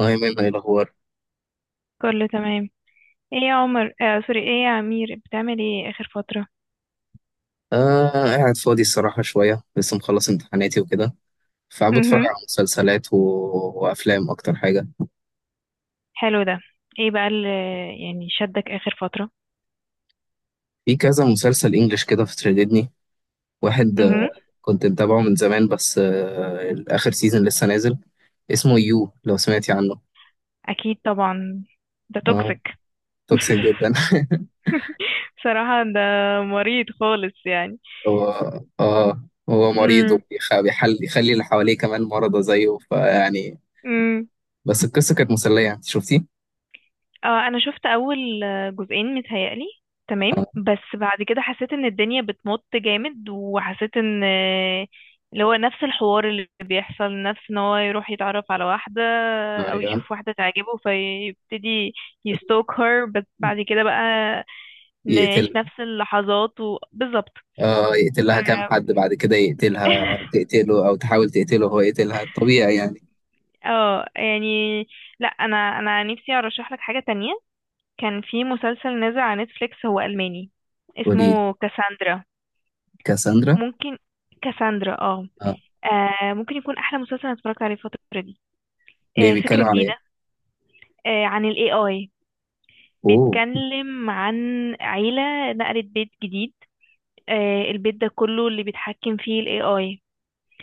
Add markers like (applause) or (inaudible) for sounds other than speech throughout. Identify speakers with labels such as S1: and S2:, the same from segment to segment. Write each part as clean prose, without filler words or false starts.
S1: أيمن، إيه الأخبار؟
S2: كله تمام. ايه يا عمر، سوري، ايه يا امير، بتعمل ايه اخر فترة؟
S1: آه، قاعد فاضي الصراحة شوية، لسه مخلص امتحاناتي وكده، فقاعد بتفرج
S2: امم.
S1: على مسلسلات و... وأفلام أكتر حاجة.
S2: حلو ده. ايه بقى اللي يعني شدك اخر فترة؟
S1: في كذا مسلسل إنجليش كده، في تشددني واحد،
S2: امم.
S1: كنت متابعه من زمان، بس آخر سيزون لسه نازل، اسمه يو، لو سمعتي عنه.
S2: اكيد طبعا. ده
S1: آه،
S2: توكسيك.
S1: توكسيك جدا.
S2: (laughs) بصراحة ده مريض خالص يعني.
S1: (laughs) هو آه هو مريض، وبيخ- بيحل يخلي اللي حواليه كمان مرضى زيه فيعني،
S2: امم.
S1: بس القصة كانت مسلية، أنت شفتيه؟
S2: آه، انا شفت اول جزئين متهيألي. تمام،
S1: آه،
S2: بس بعد كده حسيت ان الدنيا بتمط جامد، وحسيت ان اللي هو نفس الحوار اللي بيحصل، نفس ان هو يروح يتعرف على واحدة او
S1: أيوه،
S2: يشوف واحدة تعجبه، فيبتدي يستوك هير، بس بعد كده بقى نعيش
S1: يقتل
S2: نفس اللحظات، وبالظبط.
S1: اه يقتل لها كام
S2: اه.
S1: حد بعد كده يقتلها،
S2: (laughs)
S1: تقتله او تحاول تقتله، هو يقتلها الطبيعي يعني.
S2: يعني، لا، انا نفسي ارشح لك حاجة تانية. كان في مسلسل نازل على نتفليكس، هو ألماني،
S1: وليد،
S2: اسمه كاساندرا.
S1: كاساندرا،
S2: ممكن. كاساندرا، اه.
S1: اه
S2: ممكن يكون احلى مسلسل انا اتفرجت عليه الفتره دي.
S1: ليه؟ بيتكلم
S2: فكره
S1: على
S2: جديده.
S1: ايه؟
S2: عن الـAI.
S1: اوه.
S2: بيتكلم عن عيله نقلت بيت جديد. البيت ده كله اللي بيتحكم فيه الـAI.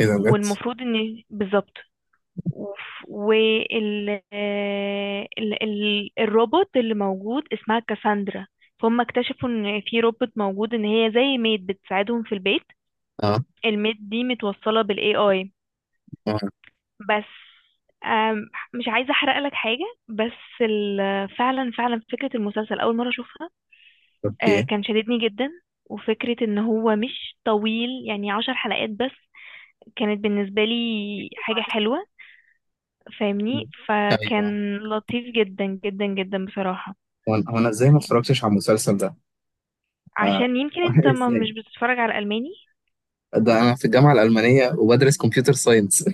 S1: ايه ده بجد؟
S2: والمفروض ان بالظبط. وف- وال آه، ال... ال... الروبوت اللي موجود اسمها كاساندرا. فهم اكتشفوا ان في روبوت موجود، ان هي زي ميد بتساعدهم في البيت.
S1: اه،
S2: الميد دي متوصله بالـAI،
S1: اه،
S2: بس. آم، مش عايزة احرق لك حاجة، بس فعلا فعلا فكرة المسلسل اول مرة اشوفها.
S1: اوكي،
S2: كان شددني جدا. وفكرة ان هو مش طويل، يعني 10 حلقات بس، كانت بالنسبة لي حاجة حلوة. فاهمني؟
S1: ايوه.
S2: فكان لطيف جدا جدا جدا بصراحة.
S1: هو انا ازاي ما اتفرجتش على المسلسل ده؟ آه.
S2: عشان يمكن انت
S1: (laughs)
S2: ما مش
S1: ازاي؟
S2: بتتفرج على ألماني.
S1: ده انا في الجامعه الالمانيه وبدرس كمبيوتر ساينس.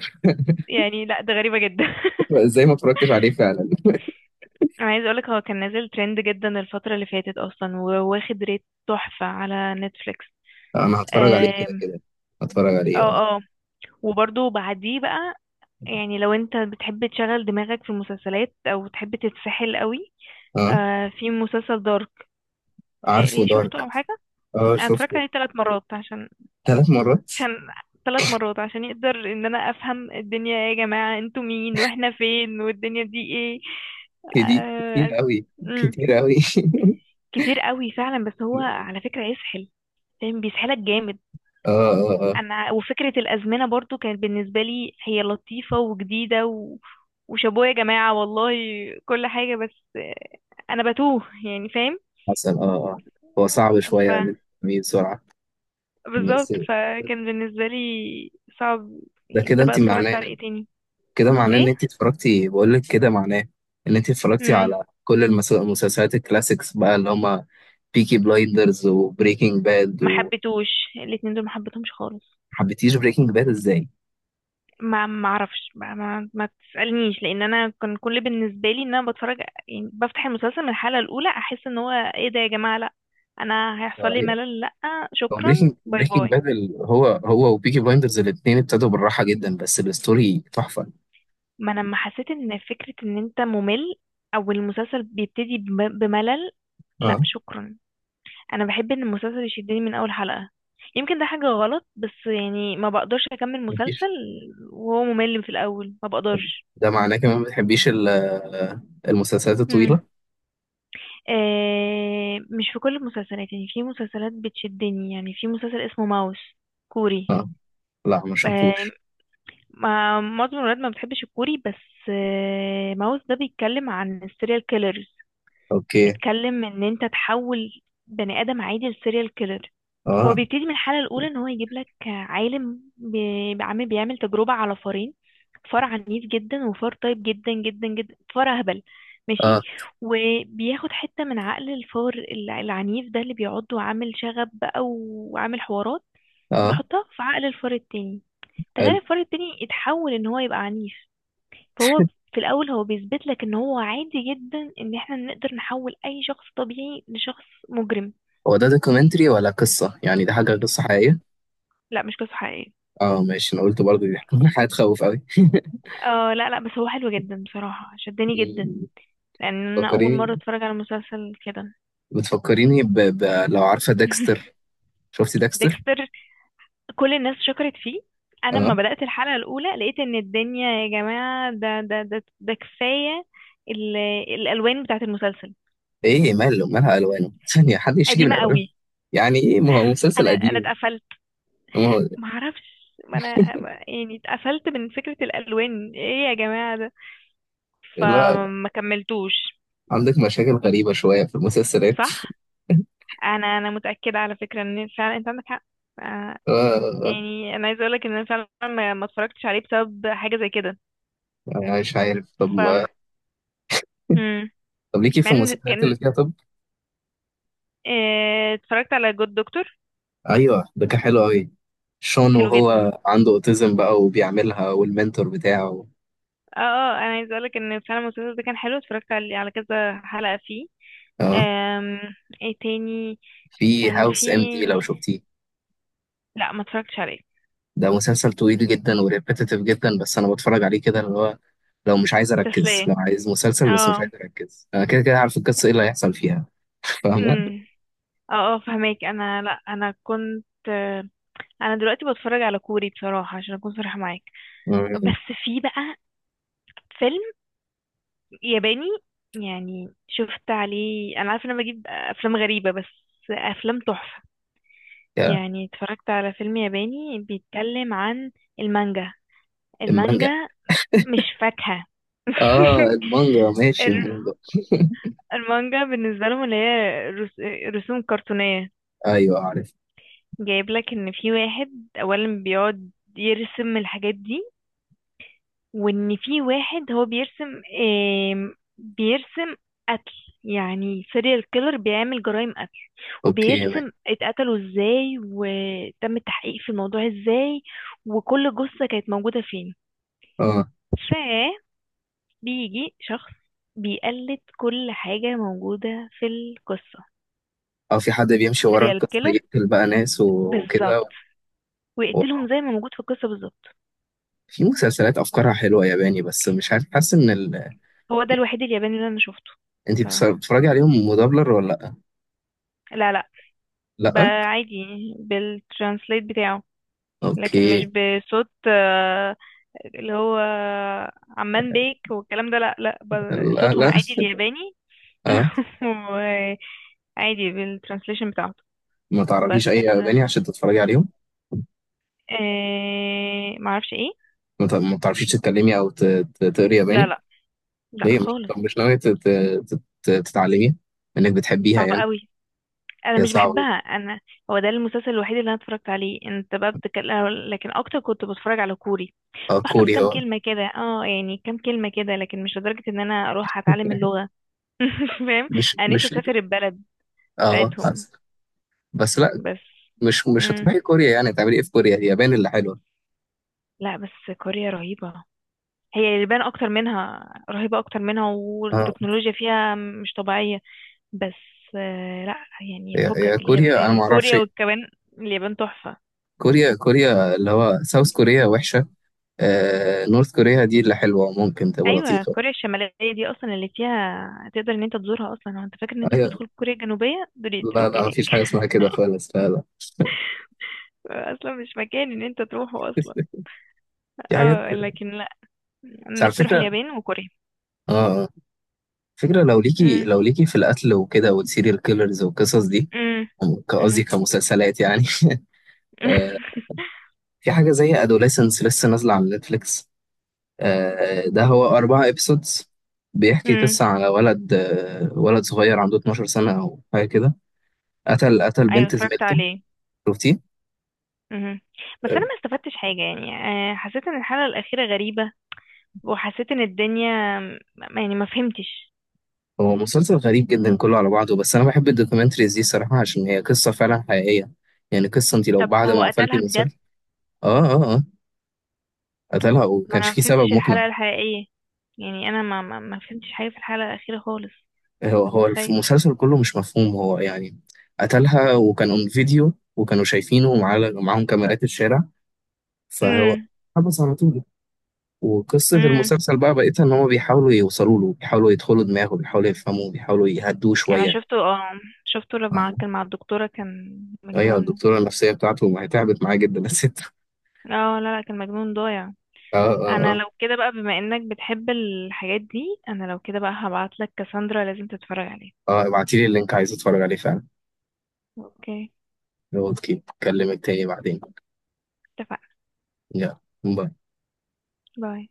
S2: يعني لا، ده غريبة جدا. (laughs)
S1: (laughs) ازاي ما اتفرجتش عليه فعلا؟
S2: انا عايزة اقولك، هو كان نازل ترند جدا الفترة اللي فاتت اصلا، وواخد ريت تحفة على نتفليكس.
S1: انا هتفرج عليه كده كده، هتفرج عليه اه.
S2: اه، اه. وبرضه بعديه بقى، يعني لو انت بتحب تشغل دماغك في المسلسلات او تحب تتسحل قوي،
S1: اه،
S2: في مسلسل دارك.
S1: عارفه
S2: يعني شفته
S1: دارك،
S2: او حاجه؟
S1: اه
S2: انا اتفرجت
S1: شفته.
S2: عليه 3 مرات عشان
S1: 3 مرات؟
S2: عشان 3 مرات عشان يقدر ان انا افهم الدنيا. ايه يا جماعه، انتوا مين واحنا فين والدنيا دي ايه؟
S1: كدي كتير
S2: آه.
S1: قوي،
S2: مم.
S1: كتير قوي. (laughs)
S2: كتير قوي فعلا، بس هو على فكره يسحل. فاهم؟ بيسحلك جامد.
S1: اه، اه، اه، آه.
S2: انا، وفكرة الازمنة برضو كانت بالنسبة لي هي لطيفة وجديدة. وشابوه يا جماعة والله، كل حاجة، بس انا بتوه يعني. فاهم؟
S1: حسن، اه، اه. هو صعب
S2: ف
S1: شوية ان انت تفهميه بسرعة، بس.
S2: بالظبط، فكان بالنسبة لي صعب.
S1: ده
S2: يعني
S1: كده
S2: انت بقى
S1: انت
S2: اتفرجت على
S1: معناه،
S2: ايه تاني؟
S1: كده معناه ان
S2: ايه؟
S1: انت اتفرجتي، بقول لك كده معناه ان انت اتفرجتي
S2: امم.
S1: على كل المسلسلات الكلاسيكس بقى، اللي هما بيكي بلايندرز وبريكنج باد.
S2: ما حبيتوش. الاتنين دول ما حبيتهمش خالص.
S1: وحبيتيش بريكنج باد ازاي؟
S2: ما اعرفش، ما تسالنيش، لان انا كان كل بالنسبه لي ان انا بتفرج. يعني بفتح المسلسل من الحلقه الاولى، احس ان هو ايه ده يا جماعه، لا، انا هيحصل
S1: آه،
S2: لي
S1: هي-
S2: ملل، لا
S1: هو
S2: شكرا،
S1: بريكنج
S2: باي
S1: بريكنج
S2: باي.
S1: باد هو وبيكي بلايندرز، الاتنين ابتدوا بالراحة جدا، بس الستوري تحفة.
S2: ما انا لما حسيت ان فكره ان انت ممل او المسلسل بيبتدي بملل،
S1: اه،
S2: لا شكرا. انا بحب ان المسلسل يشدني من اول حلقه. يمكن ده حاجه غلط، بس يعني ما بقدرش اكمل مسلسل.
S1: مفيش.
S2: وهو ممل في الاول، ما بقدرش.
S1: ده معناه كمان ما بتحبيش المسلسلات الطويلة؟
S2: آه، مش في كل المسلسلات يعني، في مسلسلات بتشدني، يعني في مسلسل اسمه ماوس، كوري.
S1: اه، لا ما
S2: آه
S1: شفتوش.
S2: معظم الولاد ما بتحبش الكوري، بس ماوس ده بيتكلم عن السيريال كيلرز.
S1: اوكي،
S2: بيتكلم ان انت تحول بني ادم عادي لسيريال كيلر. هو
S1: اه،
S2: بيبتدي من الحلقة الأولى، إن هو يجيب لك عالم عامل بيعمل تجربة على فارين. فار عنيف جدا، وفار طيب جدا جدا جدا، فار أهبل، ماشي.
S1: اه،
S2: وبياخد حتة من عقل الفار العنيف ده، اللي بيعض وعامل شغب بقى وعامل حوارات،
S1: اه،
S2: بيحطها في عقل الفار التاني. تخيل
S1: حلو.
S2: الفار التاني اتحول إن هو يبقى عنيف. فهو، في الاول، هو بيثبت لك ان هو عادي جدا، ان احنا نقدر نحول اي شخص طبيعي لشخص مجرم.
S1: هو ده دوكيومنتري ولا قصة؟ يعني ده حاجة قصة حقيقية؟
S2: لا، مش قصة حقيقية.
S1: اه ماشي، انا قلت برضه دي. (laughs) حاجة تخوف قوي.
S2: اه، لا، لا، بس هو حلو جدا بصراحة، شدني جدا. لان انا اول مرة
S1: بتفكريني
S2: اتفرج على مسلسل كده.
S1: بتفكريني لو عارفة
S2: (laughs)
S1: ديكستر، شفتي ديكستر.
S2: ديكستر، كل الناس شكرت فيه. انا لما
S1: اه،
S2: بدأت الحلقة الاولى لقيت ان الدنيا يا جماعة، ده كفاية. ال- الالوان بتاعت المسلسل
S1: ايه مالها الوانه؟ (laughs) ثانية، حد يشتكي من
S2: قديمة
S1: الوانه؟
S2: قوي.
S1: يعني ايه؟ ما هو مسلسل
S2: انا
S1: قديم،
S2: اتقفلت.
S1: ما هو
S2: معرفش، ما انا. يعني اتقفلت من فكرة الالوان، ايه يا جماعة ده.
S1: لا.
S2: فما كملتوش.
S1: عندك مشاكل غريبة شوية في المسلسلات،
S2: صح. انا متأكدة، على فكرة، ان فعلا انت عندك حق. آه،
S1: آه، آه،
S2: يعني انا عايزة اقولك ان انا فعلا ما اتفرجتش عليه بسبب حاجة زي كده.
S1: يعني مش عارف، طب
S2: ف مم.
S1: طب ليكي في
S2: مع ان
S1: المسلسلات
S2: كان
S1: اللي فيها طب؟
S2: اتفرجت على جود دكتور.
S1: ايوه، ده كان حلو قوي، شون
S2: حلو جدا.
S1: وهو عنده اوتيزم بقى وبيعملها والمنتور بتاعه.
S2: اه، اه، انا عايزة اقولك ان فعلا المسلسل ده كان حلو، اتفرجت على كذا حلقة فيه.
S1: اه،
S2: آم، ايه تاني؟
S1: في
S2: كان في.
S1: هاوس ام دي، لو شفتيه.
S2: لا، ما اتفرجتش عليه.
S1: ده مسلسل طويل جدا وريبيتيتيف جدا، بس انا بتفرج عليه كده اللي هو، لو مش عايز اركز،
S2: تسلية.
S1: لو عايز مسلسل بس مش عايز
S2: اه.
S1: اركز، انا كده كده عارف القصه ايه اللي هيحصل فيها، فاهمه.
S2: امم. اه، اه، فهماك. انا، لا، انا كنت. انا دلوقتي بتفرج على كوري بصراحة، عشان اكون صريحة معاك.
S1: مم.
S2: بس في بقى فيلم ياباني. يعني شفت عليه، انا عارفة ان انا بجيب افلام غريبة، بس افلام تحفة.
S1: يا،
S2: يعني اتفرجت على فيلم ياباني بيتكلم عن المانجا.
S1: المانجا،
S2: المانجا مش فاكهة. (laughs)
S1: اه المانجا، ماشي
S2: الر-
S1: المانجا،
S2: المانجا بالنسبة لهم، اللي هي رسوم كرتونية.
S1: ايوه عارف،
S2: جايب لك ان في واحد اولا بيقعد يرسم الحاجات دي. وان في واحد هو بيرسم قتل. يعني سيريال كيلر بيعمل جرائم قتل.
S1: اوكي ماشي،
S2: وبيرسم اتقتلوا ازاي، وتم التحقيق في الموضوع ازاي. وكل جثة كانت موجودة فين.
S1: اه،
S2: فبيجي شخص بيقلد كل حاجة موجودة في القصة.
S1: اه. في حد بيمشي ورا
S2: سيريال
S1: قصه
S2: كيلر،
S1: يقتل بقى ناس
S2: بالظبط.
S1: وكده و...
S2: ويقتلهم زي ما موجود في القصة بالظبط.
S1: في مسلسلات افكارها حلوه ياباني، بس مش عارف، حاسس ان
S2: هو ده الوحيد الياباني اللي انا شفته.
S1: انت
S2: بصراحة،
S1: بتتفرجي عليهم مدبلر ولا؟
S2: لا، لا،
S1: لا،
S2: ب-
S1: لا،
S2: عادي، بالترانسليت بتاعه. لكن مش
S1: اوكي،
S2: بصوت اللي هو عمان بيك والكلام ده، لا، لا،
S1: لا،
S2: صوتهم
S1: لا.
S2: عادي الياباني.
S1: اه،
S2: (laughs) وعادي، بالترانسليشن بتاعته.
S1: ما
S2: بس،
S1: تعرفيش اي ياباني عشان تتفرجي عليهم؟
S2: معرفش ايه.
S1: ما تعرفيش تتكلمي او تقري
S2: لا،
S1: ياباني؟
S2: لا، لا
S1: ليه؟ مش،
S2: خالص.
S1: طب مش ناويه تتعلمي؟ انك بتحبيها
S2: صعب
S1: يعني.
S2: قوي. انا
S1: هي
S2: مش
S1: صعبه
S2: بحبها
S1: جدا.
S2: انا. هو ده المسلسل الوحيد اللي انا اتفرجت عليه، انت بقى بتتكلم، لكن اكتر كنت بتفرج على كوري.
S1: اه،
S2: بحفظ
S1: كوري
S2: كام
S1: هو.
S2: كلمة كده، اه يعني كام كلمة كده، لكن مش لدرجة ان انا اروح اتعلم
S1: (laughs)
S2: اللغة. (laughs) فاهم؟
S1: مش
S2: انا نفسي
S1: مش لك.
S2: اسافر البلد
S1: اه
S2: بتاعتهم،
S1: بس، بس لا،
S2: بس.
S1: مش
S2: مم.
S1: هتروحي كوريا، يعني هتعملي ايه في كوريا؟ هي يابان اللي حلوه.
S2: لا، بس كوريا رهيبة. هي اليابان اكتر منها، رهيبة اكتر منها،
S1: اه،
S2: والتكنولوجيا فيها مش طبيعية. بس، لا. يعني
S1: هي هي
S2: فكك
S1: كوريا، انا ما اعرفش
S2: الكوريا
S1: إيه.
S2: وكمان اليابان تحفة.
S1: كوريا، كوريا اللي هو ساوث كوريا وحشه، آه، نورث كوريا دي اللي حلوه، ممكن تبقى
S2: ايوه،
S1: لطيفه.
S2: كوريا الشماليه دي اصلا اللي فيها تقدر ان انت تزورها اصلا، هو انت فاكر ان انت
S1: أيوة.
S2: تدخل كوريا الجنوبيه؟ دول
S1: لا،
S2: يقتلوك
S1: لا، مفيش
S2: هناك.
S1: حاجة اسمها كده خالص، لا، لا. (laughs)
S2: (laughs) اصلا مش مكان ان انت تروحه اصلا.
S1: في حاجات.
S2: اه، لكن لا، انا
S1: بس على
S2: نفسي اروح
S1: فكرة،
S2: اليابان وكوريا.
S1: اه اه فكرة، لو ليكي
S2: امم،
S1: لو ليكي في القتل وكده، والسيريال كيلرز والقصص دي،
S2: امم،
S1: قصدي
S2: امم،
S1: كمسلسلات يعني. (laughs) آه. في حاجة زي أدوليسنس لسه نازلة على نتفليكس، ده هو 4 إبسودز، بيحكي
S2: امم.
S1: قصة على ولد صغير عنده 12 سنة أو حاجة كده، قتل
S2: (laughs) ايوه،
S1: بنت
S2: اتفرجت
S1: زميلته،
S2: عليه.
S1: شفتيه؟
S2: امم. بس انا ما استفدتش حاجه يعني. حسيت ان الحلقه الاخيره غريبه. وحسيت ان الدنيا، يعني ما فهمتش.
S1: هو مسلسل غريب جدا كله على بعضه، بس انا بحب الدوكيومنتريز دي صراحة، عشان هي قصة فعلا حقيقية، يعني قصة انت لو
S2: طب
S1: بعد
S2: هو
S1: ما قفلتي
S2: قتلها بجد؟
S1: المسلسل، اه، اه، اه، قتلها
S2: ما
S1: وكانش
S2: انا
S1: فيه
S2: ما
S1: سبب
S2: فهمتش
S1: مقنع.
S2: الحلقة الحقيقية. يعني انا ما فهمتش حاجة في الحلقة الأخيرة خالص.
S1: هو
S2: انت
S1: هو
S2: متخيل؟
S1: المسلسل كله مش مفهوم، هو يعني، قتلها وكان اون فيديو وكانوا شايفينه، ومعاه معاهم كاميرات الشارع، فهو
S2: امم.
S1: حبس على طول. وقصة
S2: امم.
S1: المسلسل بقى بقيتها، ان هما بيحاولوا يوصلوا له، بيحاولوا يدخلوا دماغه، بيحاولوا يفهموه، بيحاولوا يهدوه
S2: انا
S1: شوية،
S2: شفته، اه. شفته لما
S1: فاهمة؟
S2: كان مع الدكتورة، كان
S1: ايوه،
S2: مجنون.
S1: الدكتورة النفسية بتاعته، ما هي تعبت معاه جدا الست.
S2: اه، لا، لا، كان مجنون ضايع.
S1: (laughs) اه، اه،
S2: انا
S1: آه.
S2: لو كده بقى، بما انك بتحب الحاجات دي، انا لو كده بقى هبعتلك كاساندرا، لازم تتفرج عليها.
S1: اه، ابعتيلي اللينك، عايز اتفرج عليه فعلا.
S2: اوكي،
S1: نقعد كده، اكلمك تاني بعدين،
S2: اتفقنا.
S1: يلا، باي.
S2: باي.